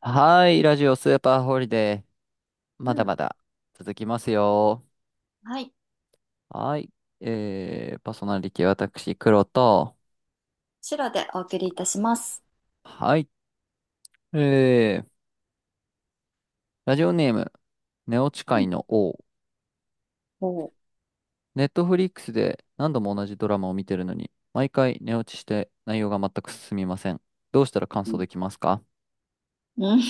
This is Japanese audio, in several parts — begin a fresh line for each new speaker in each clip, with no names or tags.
はい、ラジオスーパーホリデー、ま
う
だま
ん。
だ続きますよ。
はい。
はい、パーソナリティ私、黒と、
白でお送りいたします。
はい、えー、ラジオネーム、寝落ち
う
界
ん。
の王。
おう。
ネットフリックスで何度も同じドラマを見てるのに、毎回寝落ちして内容が全く進みません。どうしたら感
う
想
ん。
できますか？
うん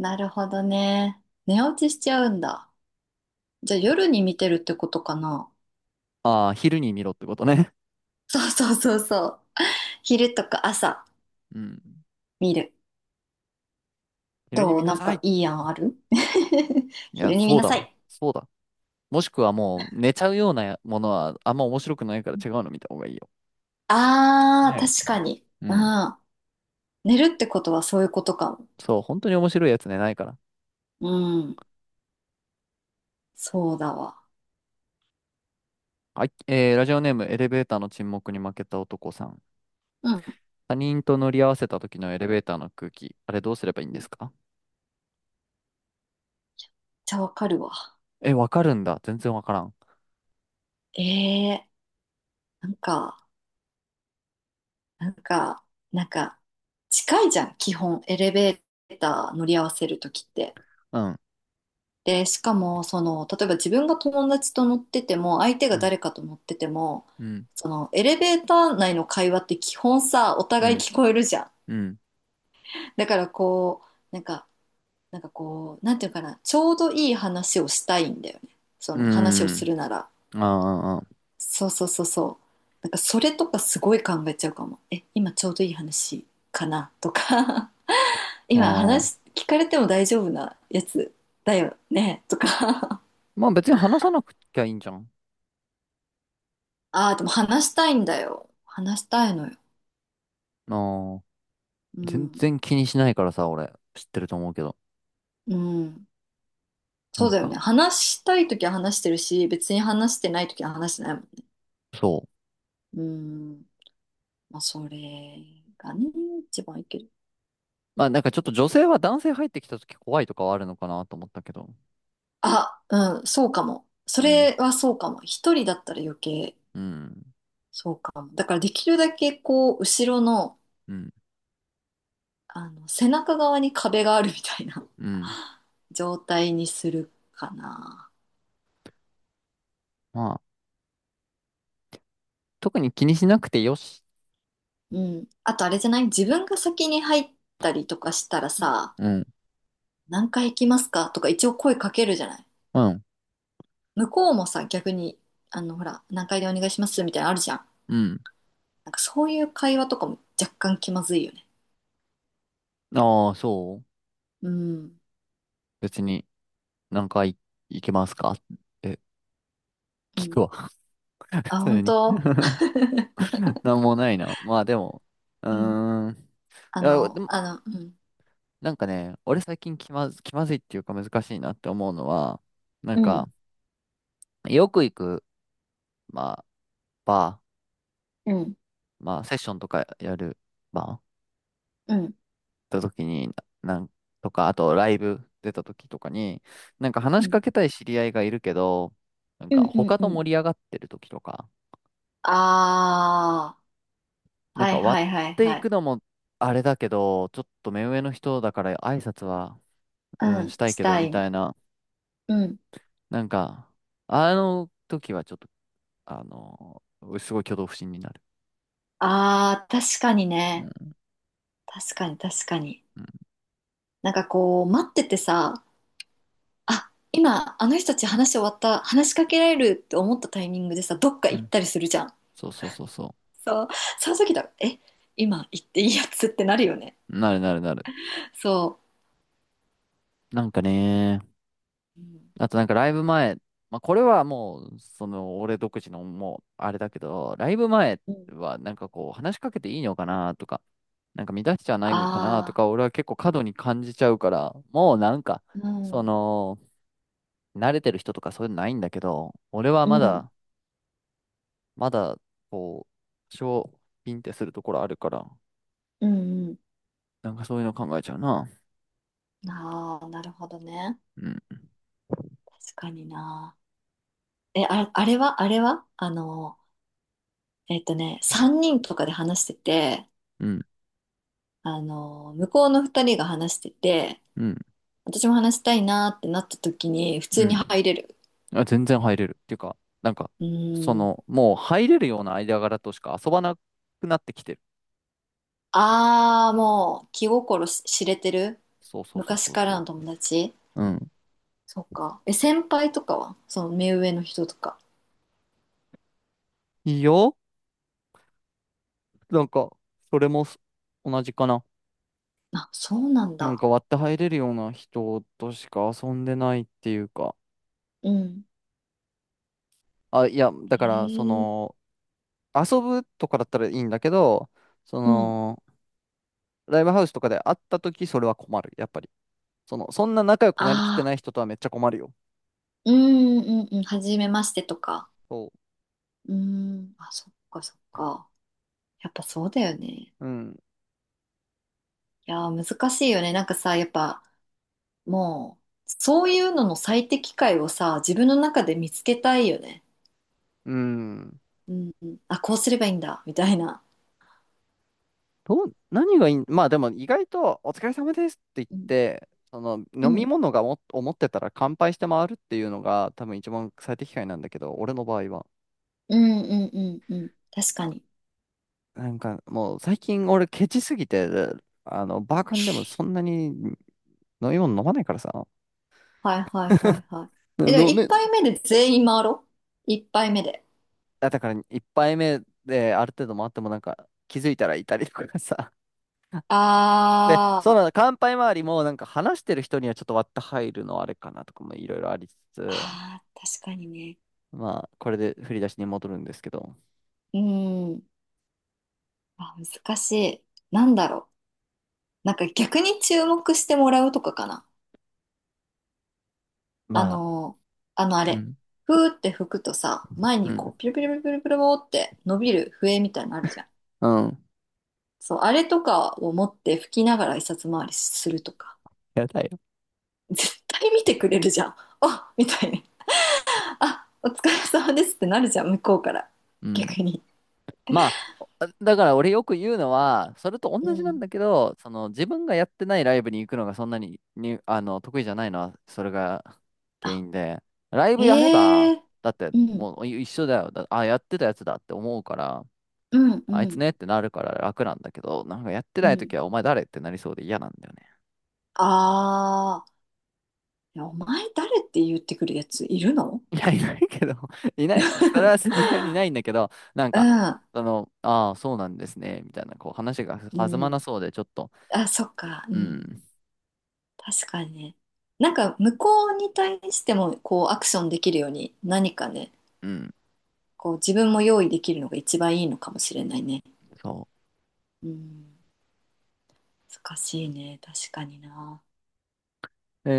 なるほどね。寝落ちしちゃうんだ。じゃあ夜に見てるってことかな。
ああー、昼に見ろってことね。
そうそうそうそう。昼とか朝
うん、
見る。
昼に
ど
見
う
な
なん
さ
か
い。
いい案ある？
いや、
昼に見
そう
な
だ
さ
わ。
い。
そうだ。もしくはもう寝ちゃうようなものはあんま面白くないから違うの見た方がいいよ。
あー、
ね。
確かに。
う
う
ん。
ん。寝るってことはそういうことかも。
そう、本当に面白いやつね、ないから。
うん。そうだわ。
はい、ラジオネーム、エレベーターの沈黙に負けた男さん。
うん。
他人と乗り合わせた時のエレベーターの空気、あれどうすればいいん
め
です
っ
か？
ちゃわかるわ。
え、わかるんだ。全然わからん。
えー、なんか。なんか、なんか、近いじゃん、基本、エレベーター乗り合わせるときって。
うん。
で、しかも、その、例えば自分が友達と乗ってても、相手
う
が
ん。
誰かと乗ってても、
うん。
その、エレベーター内の会話って基本さ、お
う
互い
ん。
聞こえるじゃん。
うん。
だからこう、なんていうのかな、ちょうどいい話をしたいんだよね。そ
う
の、話をす
ん。
るなら。
ああ、
そうそうそうそう。なんか、それとかすごい考えちゃうかも。え、今ちょうどいい話かなとか。今
あ
話
あ。
聞かれても大丈夫なやつだよねとか
まあ別に話さなくちゃいいんじゃん。
ああ、でも話したいんだよ。話したいのよ。
ああ。
う
全
ん。
然気にしないからさ、俺。知ってると思うけど。
うん。
な
そう
ん
だよ
か、
ね。話したいときは話してるし、別に話してないときは話してないもんね。
そう。
うん。まあ、それがね、一番いいける。
まあなんかちょっと女性は男性入ってきた時怖いとかはあるのかなと思ったけど。
あ、うん、そうかも。そ
うん。
れはそうかも。一人だったら余計、
うん。
そうかも。だからできるだけこう、後ろの、
うん
あの、背中側に壁があるみたいな
うん。
状態にするかな。
まあ、特に気にしなくてよし。
うん。あとあれじゃない？自分が先に入ったりとかしたらさ、
うん。
何回行きますかとか一応声かけるじゃない？
うん。
向こうもさ、逆に、あの、ほら、何回でお願いしますみたいなのあるじゃん。
うん。
なんかそういう会話とかも若干気まずいよね。
ああ、そう。
うん。
別に、何回行けますか？え、
う
聞
ん。
くわ。普
あ、
通
本
に。
当？
なんもないな。まあでも、う
うん。
ーん。いやでも、
うん。
なんかね、俺最近気まず、気まずいっていうか難しいなって思うのは、なん
うん。
か、よく行く、まあ、バ
うん。
ー、まあ、セッションとかやるバー
うん。
た時に、なんとか、あとライブ出た時とかに、なんか
う
話し
ん。
かけたい知り合いがいるけど、なん
う
か
ん。うん。
他
う
と
ん
盛り上がってる時とか、
ああ、
なん
はい
か割
はいは
っ
い
てい
はい。
くのもあれだけど、ちょっと目上の人だから挨拶は、うん、
うん。
したい
し
けど、
た
み
い。
たいな、
うん。
なんか、あの時はちょっと、あの、すごい挙動不審になる。
ああ、確かに
う
ね。
ん、
確かに確かに。
うん、
なんかこう、待っててさ、あ、今、あの人たち話終わった、話しかけられるって思ったタイミングでさ、どっか
う
行っ
ん。
たりするじゃん。
そうそうそうそ
そう、その時だ、え、今行っていいやつってなるよね。
う。なるなるなる。
そ
なんかね、
う。う
あとなんかライブ前、まあ、これはもう、その、俺独自のもう、あれだけど、ライブ前
ん。
はなんかこう、話しかけていいのかなとか、なんか乱しちゃないのかなと
あ
か、俺は結構過度に感じちゃうから、もうなんか、
あー、う
そ
ん、
の、慣れてる人とかそういうのないんだけど、俺は
う
ま
ん、
だ、まだ、こう、多少、ピンってするところあるから、
うん、う
なんかそういうの考えちゃうな。
ん。ああ、なるほどね。
うん、
確かにな。え、あ、あれは、あれは、あの、えっとね、3人とかで話してて、
うん、
あの、向こうの2人が話してて、
うん、
私も話したいなーってなった時に普
う
通に
ん。
入れる。
あ、全然入れる。っていうか、なんか、
う
そ
ーん。
の、もう入れるような間柄としか遊ばなくなってきてる。
ああ、もう気心し知れてる
そうそうそう
昔
そう
から
そ
の友達
う。うん。
そうか。え、先輩とかはその目上の人とか。
いいよ。なんか、それもす同じかな。
あ、そうなん
なん
だ。
か割って入れるような人としか遊んでないっていうか。
うん。
あ、いや、だから、そ
へえ。
の、遊ぶとかだったらいいんだけど、そ
うん。
の、ライブハウスとかで会った時それは困る。やっぱり。その、そんな仲良くなりきって
あ
な
あ、
い人とはめっちゃ困るよ。
うんうんうん。はじめましてとか。
そ
うん。あ、そっかそっか。やっぱそうだよね。い
う。うん。
やー、難しいよね。なんかさ、やっぱ、もう、そういうのの最適解をさ、自分の中で見つけたいよね。
うん。
うん、うん。あ、こうすればいいんだ、みたいな。
どう、何がいい、まあでも意外とお疲れ様ですって言っ
うん、
て、その
う
飲み
ん、
物がも、思ってたら乾杯して回るっていうのが多分一番最適解なんだけど、俺の場合は。
うん、うん、うん。うん確かに。
なんかもう最近俺ケチすぎて、バーカンでもそんなに飲み物飲まないからさ。
はい、はい、はい、は い。え、でも
飲
一
め、
杯目で全員回ろう。1杯目で。
あだから一杯目である程度回ってもなんか気づいたらいたりとかさ。で、
あ
そ
ー、
の乾杯周りもなんか話してる人にはちょっと割って入るのあれかなとかもいろいろありつつ、
あー、確かにね。
まあ、これで振り出しに戻るんですけど、
うん。あ、難しい。なんだろう。なんか逆に注目してもらうとかかな。あ
まあ、
の、あのあ
う
れ、
ん。
ふーって吹くとさ、前
う
にこ
ん、
う、ピルピルピルピルピルピルって伸びる笛みたいなのあるじゃん。
うん、
そう、あれとかを持って吹きながら一冊回りするとか、
やだよ。
絶対見てくれるじゃん。あ、みたいに。あ、お疲れ様ですってなるじゃん、向こうから。
うん。
逆に。
まあ、だから俺よく言うのは、それと
う
同じなん
ん。
だけど、その自分がやってないライブに行くのがそんなに、に、得意じゃないのは、それが原
あ、
因で、ライブやれ
え
ば、
え
だって
うん、
もう一緒だよ。だあ、やってたやつだって思うから、
うん、う
あいつ
ん、
ねってなるから楽なんだけど、なんかやって
う
ない
ん。
時はお前誰ってなりそうで嫌なんだよね。
あー、いやお前誰って言ってくるやついるの？
いや、いないけど、いない。それはさすがにいないんだけど、なん
う
か、その、ああ、そうなんですね、みたいな、こう話が
ん。
弾
う
ま
ん。
なそうで、ちょっと、
あ、そっか。う
う
ん。
ん、
確かにね。なんか向こうに対してもこうアクションできるように何かね、
うん、
こう自分も用意できるのが一番いいのかもしれないね。
そ
うん。難しいね。確かにな。
う。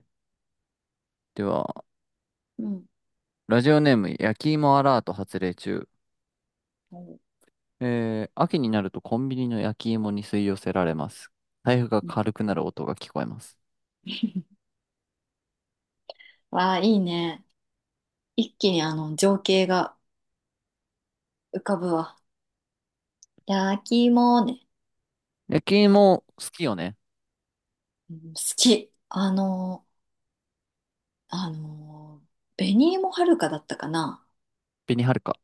では、
うん。
ラジオネーム、焼き芋アラート発令中。
うん
秋になるとコンビニの焼き芋に吸い寄せられます。財布が
うん
軽くなる音が聞こえます。
わあ、いいね。一気にあの情景が浮かぶわ。焼き芋ね。
焼き芋、好きよね。
うん、好き。あの、紅芋はるかだったかな。
紅はるか。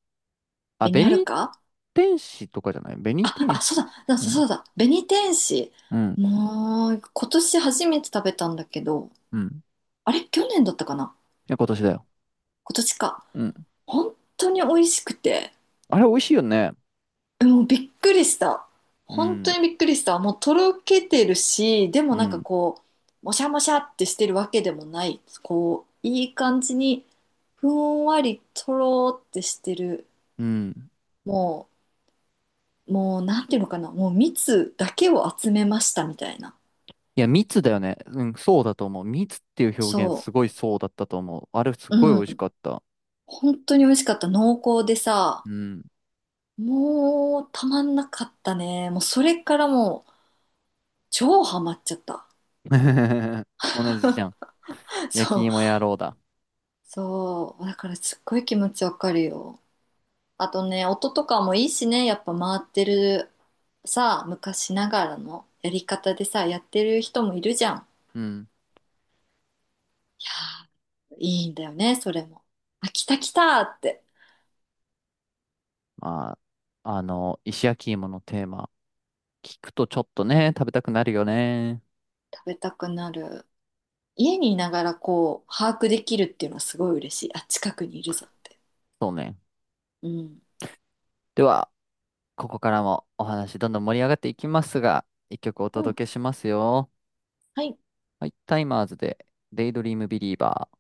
あ、
紅はる
紅
か
天使とかじゃない紅
あ、
天
あ
使。
そうだ、だ
う
そ
ん、
うだ、紅天使。
うん、
もう、今年初めて食べたんだけど、
うん。い
あれ、去年だったかな？
や、今年だよ。
今年か。
うん。
本当に美味しくて、
あれ、美味しいよね。
もうびっくりした。
う
本当
ん、
にびっくりした。もうとろけてるし、でも
う
なんか
ん、
こう、もしゃもしゃってしてるわけでもない。こう、いい感じに、ふんわりとろーってしてる。
うん。
ももう、なんていうのかな。もう蜜だけを集めましたみたいな。
いや、密だよね。うん、そうだと思う。密っていう表現、
そ
すごいそうだったと思う。あれ、す
う。う
ごい美味し
ん。
かった。
本当に美味しかった。濃厚でさ、
うん。
もうたまんなかったね。もうそれからもう超ハマっちゃった。
同じじゃん。焼
そ
き
う、
芋野郎だ。
そう。だからすっごい気持ちわかるよ。あとね、音とかもいいしね、やっぱ回ってるさ、昔ながらのやり方でさ、やってる人もいるじゃん。
うん。
いいんだよね、それも。あ、来た来たって。
まあ、石焼き芋のテーマ、聞くとちょっとね、食べたくなるよね。
食べたくなる。家にいながらこう、把握できるっていうのはすごい嬉しい。あ、近くにいるぞって。
そうね。
うん。
では、ここからもお話どんどん盛り上がっていきますが、一曲お
うん
届けしますよ。
はい
はい、タイマーズで、デイドリームビリーバー。